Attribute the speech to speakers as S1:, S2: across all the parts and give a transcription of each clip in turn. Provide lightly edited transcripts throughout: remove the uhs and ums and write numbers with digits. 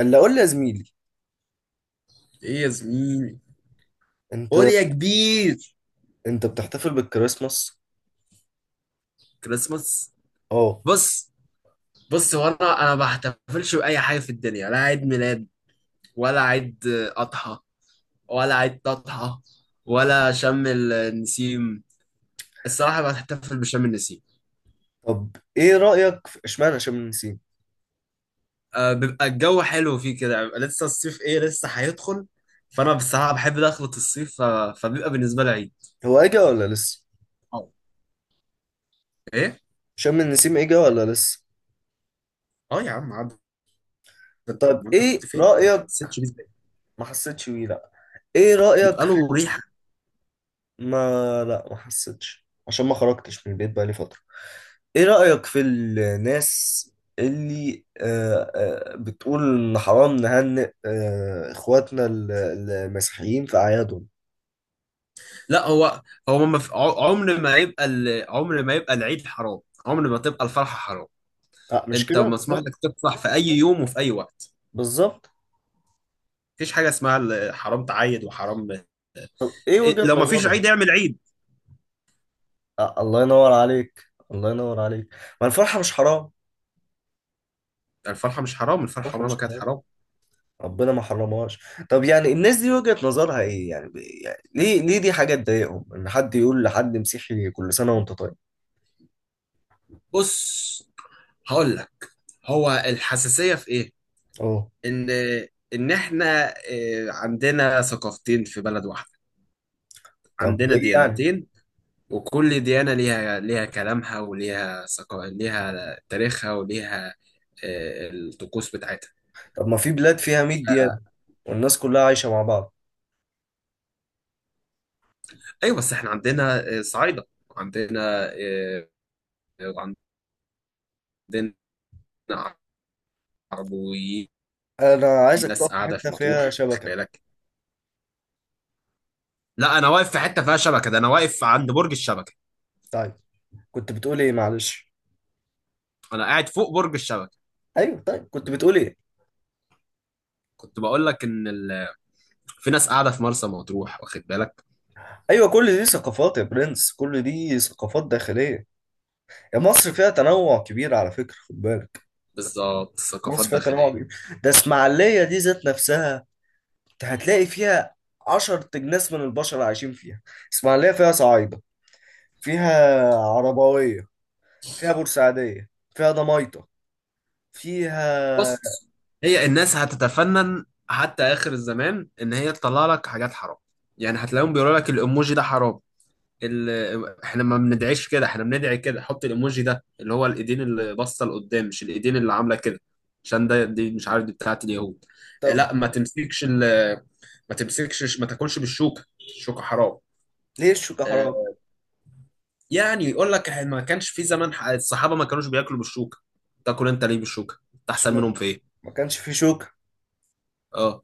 S1: اللي اقول لي يا زميلي.
S2: ايه يا زميلي.
S1: انت
S2: قول يا كبير.
S1: انت بتحتفل بالكريسماس؟
S2: كريسماس؟
S1: اه.
S2: بص بص، هو انا ما بحتفلش باي حاجه في الدنيا، لا عيد ميلاد ولا عيد اضحى ولا عيد تضحى ولا شم النسيم. الصراحه بحتفل بشم النسيم.
S1: طب ايه رأيك في اشمعنى شم النسيم؟
S2: أه، بيبقى الجو حلو فيه كده، بيبقى لسه الصيف ايه لسه هيدخل، فانا بصراحه بحب دخلة الصيف فبيبقى بالنسبه لي عيد.
S1: هو اجا ولا لسه؟
S2: اه. ايه.
S1: شم النسيم اجا ولا لسه؟
S2: اه يا عم عاد، انت
S1: طب
S2: ما انت
S1: ايه
S2: كنت فين، انت ما
S1: رأيك؟
S2: حسيتش بيه ازاي؟
S1: ما حسيتش بيه، لا. ايه رأيك
S2: بيبقى
S1: في
S2: له ريحه.
S1: ما لا، ما حسيتش عشان ما خرجتش من البيت بقالي فترة. ايه رأيك في الناس اللي بتقول ان حرام نهنئ اخواتنا المسيحيين في اعيادهم؟
S2: لا هو، هو ما في- ع- عمر ما يبقى عمر ما يبقى العيد حرام، عمر ما تبقى الفرحة حرام.
S1: لا مش
S2: انت
S1: كده
S2: مسموح
S1: بالظبط.
S2: لك تفرح في اي يوم وفي اي وقت.
S1: بالظبط.
S2: مفيش حاجة اسمها حرام تعيد وحرام.
S1: طب ايه وجهة
S2: لو مفيش
S1: نظرهم؟
S2: عيد اعمل عيد.
S1: الله ينور عليك، الله ينور عليك. ما الفرحة مش حرام.
S2: الفرحة مش حرام، الفرحة
S1: الفرحة
S2: عمرها ما
S1: مش
S2: كانت
S1: حرام.
S2: حرام.
S1: ربنا ما حرمهاش. طب يعني الناس دي وجهة نظرها ايه يعني، يعني ليه دي حاجة تضايقهم ان حد يقول لحد مسيحي كل سنة وانت طيب؟
S2: بص هقول لك، هو الحساسية في ايه؟
S1: اه.
S2: ان ان احنا عندنا ثقافتين في بلد واحدة،
S1: طب
S2: عندنا
S1: ايه يعني؟
S2: ديانتين، وكل ديانة ليها كلامها، وليها ليها تاريخها وليها الطقوس بتاعتها.
S1: طب ما في بلاد فيها 100 ديانة
S2: آه،
S1: والناس كلها عايشة مع بعض.
S2: ايوه بس احنا عندنا صعايدة، عندنا آه، عندنا عربويين،
S1: انا عايزك
S2: ناس
S1: تقف في
S2: قاعدة
S1: حتة
S2: في
S1: فيها
S2: مطروح واخد
S1: شبكة.
S2: بالك. لا انا واقف في حتة فيها شبكة، ده انا واقف عند برج الشبكة،
S1: طيب. كنت بتقول ايه؟ معلش.
S2: انا قاعد فوق برج الشبكة.
S1: ايوه طيب كنت بتقول ايه؟
S2: كنت بقول لك ان في ناس قاعدة في مرسى مطروح واخد بالك.
S1: ايوه، كل دي ثقافات يا برنس، كل دي ثقافات داخلية. يا مصر فيها تنوع كبير على فكرة، خد بالك.
S2: بالظبط، ثقافات
S1: مصر فيها تنوع
S2: داخلية.
S1: كبير. ده اسماعيلية دي ذات نفسها. انت هتلاقي فيها عشر تجناس من البشر عايشين فيها. اسماعيلية فيها صعايدة، فيها عربوية، فيها بورسعيدية، فيها دميطة، فيها
S2: بس هي الناس هتتفنن حتى اخر الزمان ان هي تطلع لك حاجات حرام. يعني هتلاقيهم بيقولوا لك الايموجي ده حرام، احنا ما بندعيش كده، احنا بندعي كده، حط الايموجي ده اللي هو الايدين اللي باصه لقدام، مش الايدين اللي عامله كده، عشان ده دي مش عارف دي بتاعت اليهود.
S1: طب
S2: لا ما تمسكش، ما تاكلش بالشوكه، الشوكه حرام.
S1: ليه الشوكة
S2: آه،
S1: حرام؟
S2: يعني يقول لك إحنا ما كانش في زمان الصحابه ما كانوش بياكلوا بالشوكه، تاكل انت ليه بالشوكه،
S1: عشان
S2: تحسن
S1: ما
S2: منهم في ايه؟
S1: ما كانش في شوكة.
S2: اه،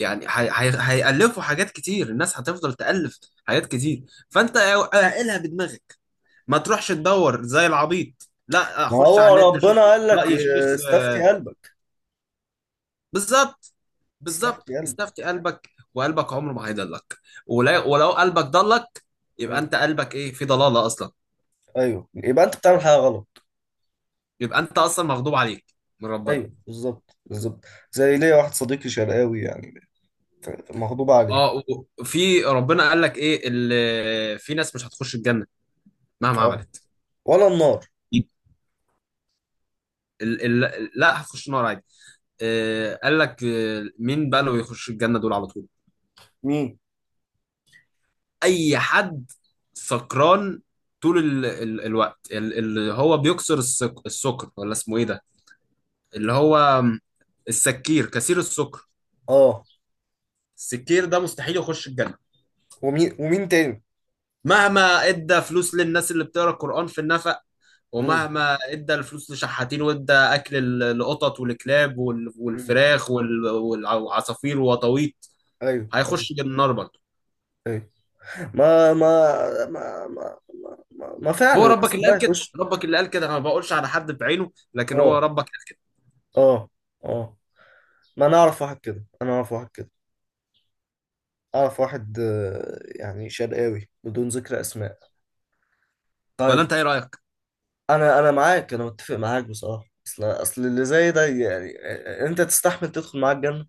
S2: يعني هيألفوا حاجات كتير، الناس هتفضل تألف حاجات كتير. فانت اعقلها بدماغك، ما تروحش تدور زي العبيط، لا
S1: ما
S2: اخش على
S1: هو
S2: النت اشوف
S1: ربنا قال لك،
S2: رأي الشيخ.
S1: استفتي قلبك.
S2: بالظبط، بالظبط،
S1: استفتي قلبك.
S2: استفتي قلبك، وقلبك عمره ما هيضلك. ولو قلبك ضلك، يبقى
S1: مم.
S2: انت قلبك ايه في ضلالة اصلا،
S1: ايوه يبقى انت بتعمل حاجة غلط.
S2: يبقى انت اصلا مغضوب عليك من ربنا.
S1: ايوه، بالظبط، بالظبط. زي ليا واحد صديقي شرقاوي يعني، مغضوب عليه.
S2: اه، وفي ربنا قال لك ايه اللي في ناس مش هتخش الجنة مهما
S1: اه.
S2: عملت؟
S1: ولا النار؟
S2: لا هتخش النار عادي. قال لك مين بقى اللي بيخش الجنة دول على طول؟
S1: مين؟
S2: أي حد سكران طول ال ال الوقت، اللي هو بيكسر السكر، ولا اسمه ايه ده، اللي هو السكير كثير السكر،
S1: اه.
S2: السكير ده مستحيل يخش الجنة،
S1: ومين تاني؟
S2: مهما ادى فلوس للناس اللي بتقرا القرآن في النفق،
S1: امم.
S2: ومهما ادى الفلوس لشحاتين، وادى اكل القطط والكلاب
S1: امم.
S2: والفراخ والعصافير وطاويط،
S1: ايوه، ايوه،
S2: هيخش النار برضه.
S1: ايوه. ما ما ما ما ما
S2: هو
S1: فعلا، بس
S2: ربك اللي
S1: ده
S2: قال كده،
S1: يخش.
S2: ربك اللي قال كده، انا ما بقولش على حد بعينه لكن هو
S1: اه.
S2: ربك.
S1: اه. اه. ما انا اعرف واحد كده، انا اعرف واحد كده. اعرف واحد يعني شرقاوي بدون ذكر اسماء.
S2: ولا
S1: طيب.
S2: انت ايه رايك؟
S1: انا معاك، انا متفق معاك بصراحه، اصل اللي زي ده يعني انت تستحمل تدخل معاه الجنه؟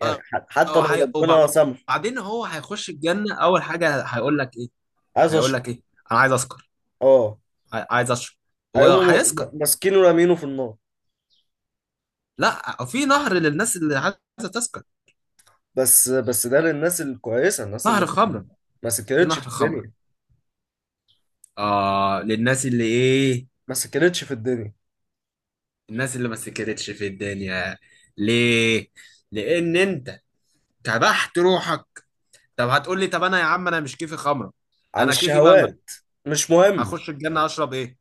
S1: يعني
S2: آه،
S1: حتى لو ربنا سامح.
S2: وبعدين هو هيخش الجنه اول حاجه هيقول لك ايه،
S1: عايز
S2: هيقول
S1: اشرب.
S2: لك ايه، انا عايز اسكر،
S1: اه.
S2: عايز اشرب،
S1: هيقوموا
S2: وهيسكر.
S1: ماسكينه ورامينه في النار.
S2: لا، في نهر للناس اللي عايزه تسكر،
S1: بس ده للناس الكويسه، الناس
S2: نهر
S1: اللي
S2: خمره،
S1: ما
S2: في
S1: سكرتش
S2: نهر
S1: في
S2: خمره.
S1: الدنيا.
S2: اه للناس اللي ايه،
S1: ما سكرتش في الدنيا،
S2: الناس اللي ما سكرتش في الدنيا. ليه؟ لان انت كبحت روحك. طب هتقول لي طب انا يا عم انا مش كيفي خمره،
S1: عن
S2: انا كيفي
S1: الشهوات.
S2: بانجو،
S1: مش مهم.
S2: هخش الجنة اشرب ايه؟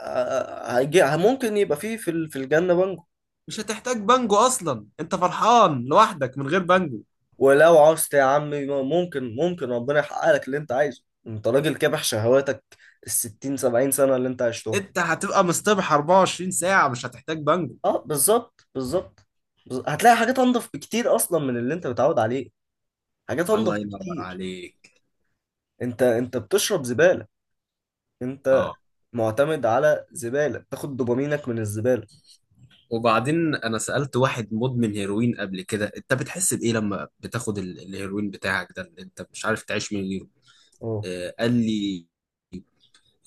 S1: هيجي ممكن يبقى فيه في الجنة بنجو.
S2: مش هتحتاج بانجو اصلا، انت فرحان لوحدك من غير بانجو،
S1: ولو عوزت يا عمي، ممكن ربنا يحقق لك اللي انت عايزه، انت راجل كابح شهواتك الستين سبعين سنة اللي انت عشتهم.
S2: انت هتبقى مصطبح 24 ساعة مش هتحتاج بانجو.
S1: اه بالظبط، بالظبط. هتلاقي حاجات انضف بكتير اصلا من اللي انت متعود عليه. حاجات انضف
S2: الله ينور
S1: بكتير.
S2: عليك.
S1: انت بتشرب زبالة. انت
S2: اه.
S1: معتمد على زبالة، تاخد دوبامينك من الزبالة.
S2: وبعدين انا سألت واحد مدمن هيروين قبل كده، انت بتحس بايه لما بتاخد الهيروين بتاعك ده اللي انت مش عارف تعيش من غيره؟
S1: اه.
S2: آه قال لي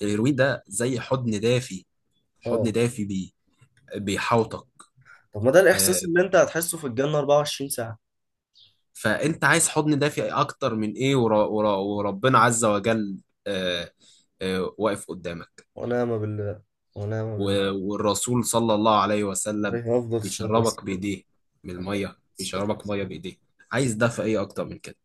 S2: الهيروين ده زي حضن دافي، حضن
S1: اه.
S2: دافي بيحوطك.
S1: طب ما ده
S2: آه،
S1: الاحساس اللي انت هتحسه في الجنة 24 ساعة.
S2: فانت عايز حضن دافئ اكتر من ايه، ورا، وربنا عز وجل آه، واقف قدامك،
S1: ونعم بالله. ونعم بالله.
S2: والرسول صلى الله عليه وسلم
S1: عليه افضل الصلاة
S2: بيشربك
S1: والسلام.
S2: بايديه من
S1: عليه
S2: الميه،
S1: الصلاة
S2: بيشربك ميه
S1: والسلام.
S2: بايديه. عايز دافئ ايه اكتر من كده؟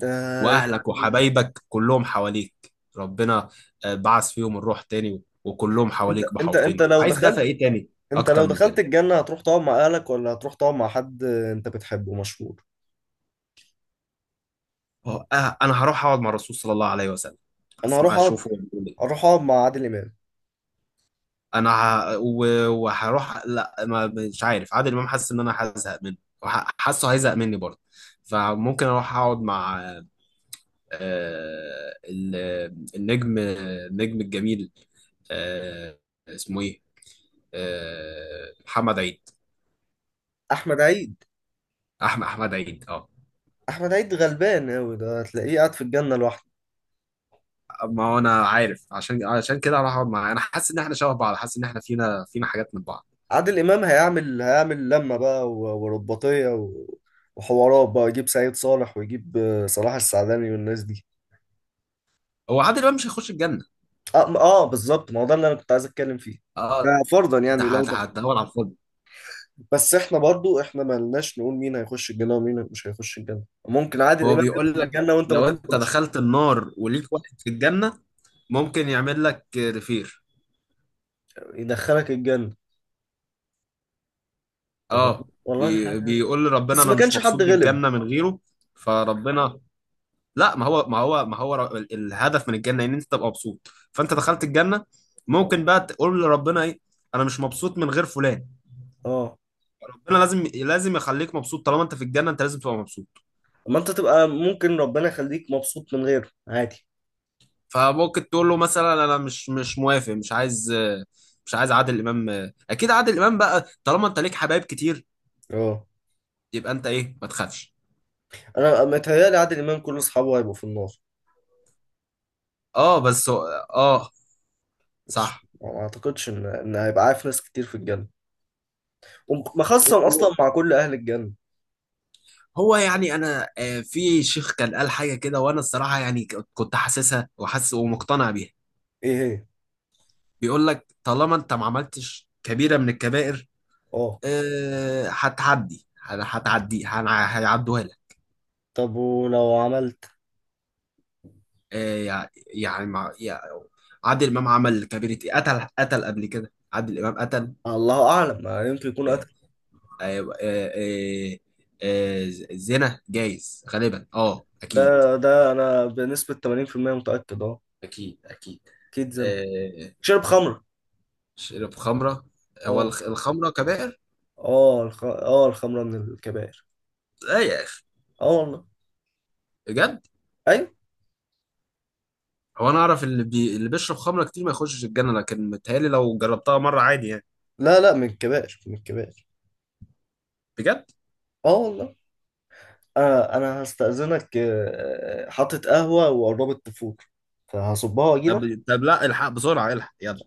S1: ده
S2: واهلك
S1: يعني،
S2: وحبايبك كلهم حواليك، ربنا بعث فيهم الروح تاني وكلهم
S1: انت
S2: حواليك
S1: انت انت
S2: محوطينك،
S1: لو
S2: عايز دافئ
S1: دخلت
S2: ايه تاني
S1: انت
S2: اكتر
S1: لو
S2: من
S1: دخلت
S2: كده؟
S1: الجنة هتروح تقعد مع اهلك ولا هتروح تقعد مع حد انت بتحبه مشهور؟
S2: آه، انا هروح اقعد مع الرسول صلى الله عليه وسلم،
S1: انا
S2: اسمع
S1: هروح اقعد
S2: اشوفه.
S1: اروح اقعد مع عادل امام.
S2: انا ه... و- وهروح، لا ما مش عارف عادل امام، حاسس ان انا هزهق منه، حاسه هيزهق مني برضه، فممكن اروح اقعد مع آه، ال- النجم الجميل، آه، اسمه ايه، محمد عيد.
S1: احمد عيد.
S2: احمد عيد اه.
S1: احمد عيد غلبان قوي، ده هتلاقيه قاعد في الجنة لوحده.
S2: ما هو انا عارف، عشان كده هروح اقعد معاه، انا حاسس ان احنا شبه بعض، حاسس ان احنا فينا حاجات من بعض.
S1: عادل امام هيعمل لمه بقى ورباطيه وحوارات بقى، يجيب سعيد صالح ويجيب صلاح السعداني والناس دي.
S2: هو عادل امام مش هيخش الجنه؟
S1: اه, بالظبط، ما هو ده اللي انا كنت عايز اتكلم فيه.
S2: اه،
S1: يعني فرضا،
S2: انت
S1: يعني لو دخل.
S2: هتدور على الفاضي.
S1: بس احنا برضو، احنا ما لناش نقول مين هيخش الجنه ومين مش هيخش الجنه. ممكن عادل
S2: هو
S1: امام يدخل
S2: بيقول لك
S1: الجنه وانت ما
S2: لو انت
S1: تدخلش.
S2: دخلت النار وليك واحد في الجنة ممكن يعمل لك ريفير.
S1: يدخلك الجنه. طب
S2: اه،
S1: والله دي حاجه.
S2: بيقول لربنا
S1: بس
S2: انا
S1: ما
S2: مش
S1: كانش
S2: مبسوط
S1: حد غلب.
S2: بالجنة من غيره. فربنا، لا ما هو ما هو ما هو ر- ال- الهدف من الجنة ان انت تبقى مبسوط، فانت دخلت الجنة ممكن بقى تقول لربنا ايه، انا مش مبسوط من غير فلان.
S1: اه،
S2: ربنا لازم يخليك مبسوط، طالما انت في الجنة انت لازم تبقى مبسوط.
S1: ما انت تبقى ممكن ربنا يخليك مبسوط من غيره عادي.
S2: فممكن تقول له مثلا انا مش موافق، مش عايز، مش عايز عادل امام. اكيد عادل امام بقى، طالما انت ليك حبايب كتير
S1: اه.
S2: يبقى انت ايه ما تخافش.
S1: انا متهيألي عادل امام كل اصحابه هيبقوا في النار.
S2: اه بس هو، اه.
S1: مش
S2: صح.
S1: ما اعتقدش ان هيبقى عارف ناس كتير في الجنه، ومخصم
S2: و-
S1: اصلا
S2: و-
S1: مع كل اهل الجنه.
S2: هو يعني انا في شيخ كان قال حاجه كده وانا الصراحه يعني كنت حاسسها وحاسس ومقتنع بيها.
S1: ايه هي؟
S2: بيقول لك طالما انت ما عملتش كبيره من الكبائر،
S1: اه.
S2: هيعدوها لك.
S1: طب ولو عملت.
S2: آه، يعني مع يعني، عادل امام عمل كبيرة إيه؟ قتل قبل كده، عادل امام قتل.
S1: الله اعلم ما يمكن يكون
S2: آه،
S1: قتل.
S2: آه، آه، آه، زنا جايز غالبا، اه
S1: ده
S2: اكيد،
S1: ده انا بنسبه 80% متاكد، اه.
S2: اكيد اكيد.
S1: اكيد زنا.
S2: آه،
S1: شرب خمره.
S2: شرب خمره، هو
S1: اه.
S2: الخمره كبائر؟
S1: اه الخمره من الكبائر.
S2: لا يا اخي،
S1: اه والله.
S2: بجد،
S1: ايوه.
S2: هو انا اعرف اللي بيشرب خمره كتير ما يخشش الجنه، لكن متهيألي لو جربتها مره عادي يعني.
S1: لا، لا، من الكبائر، من الكبائر.
S2: بجد.
S1: اه والله. انا هستأذنك، حاطط قهوه وقربت تفور، فهصبها واجي.
S2: طب طب لا، الحق بسرعه، الحق يلا.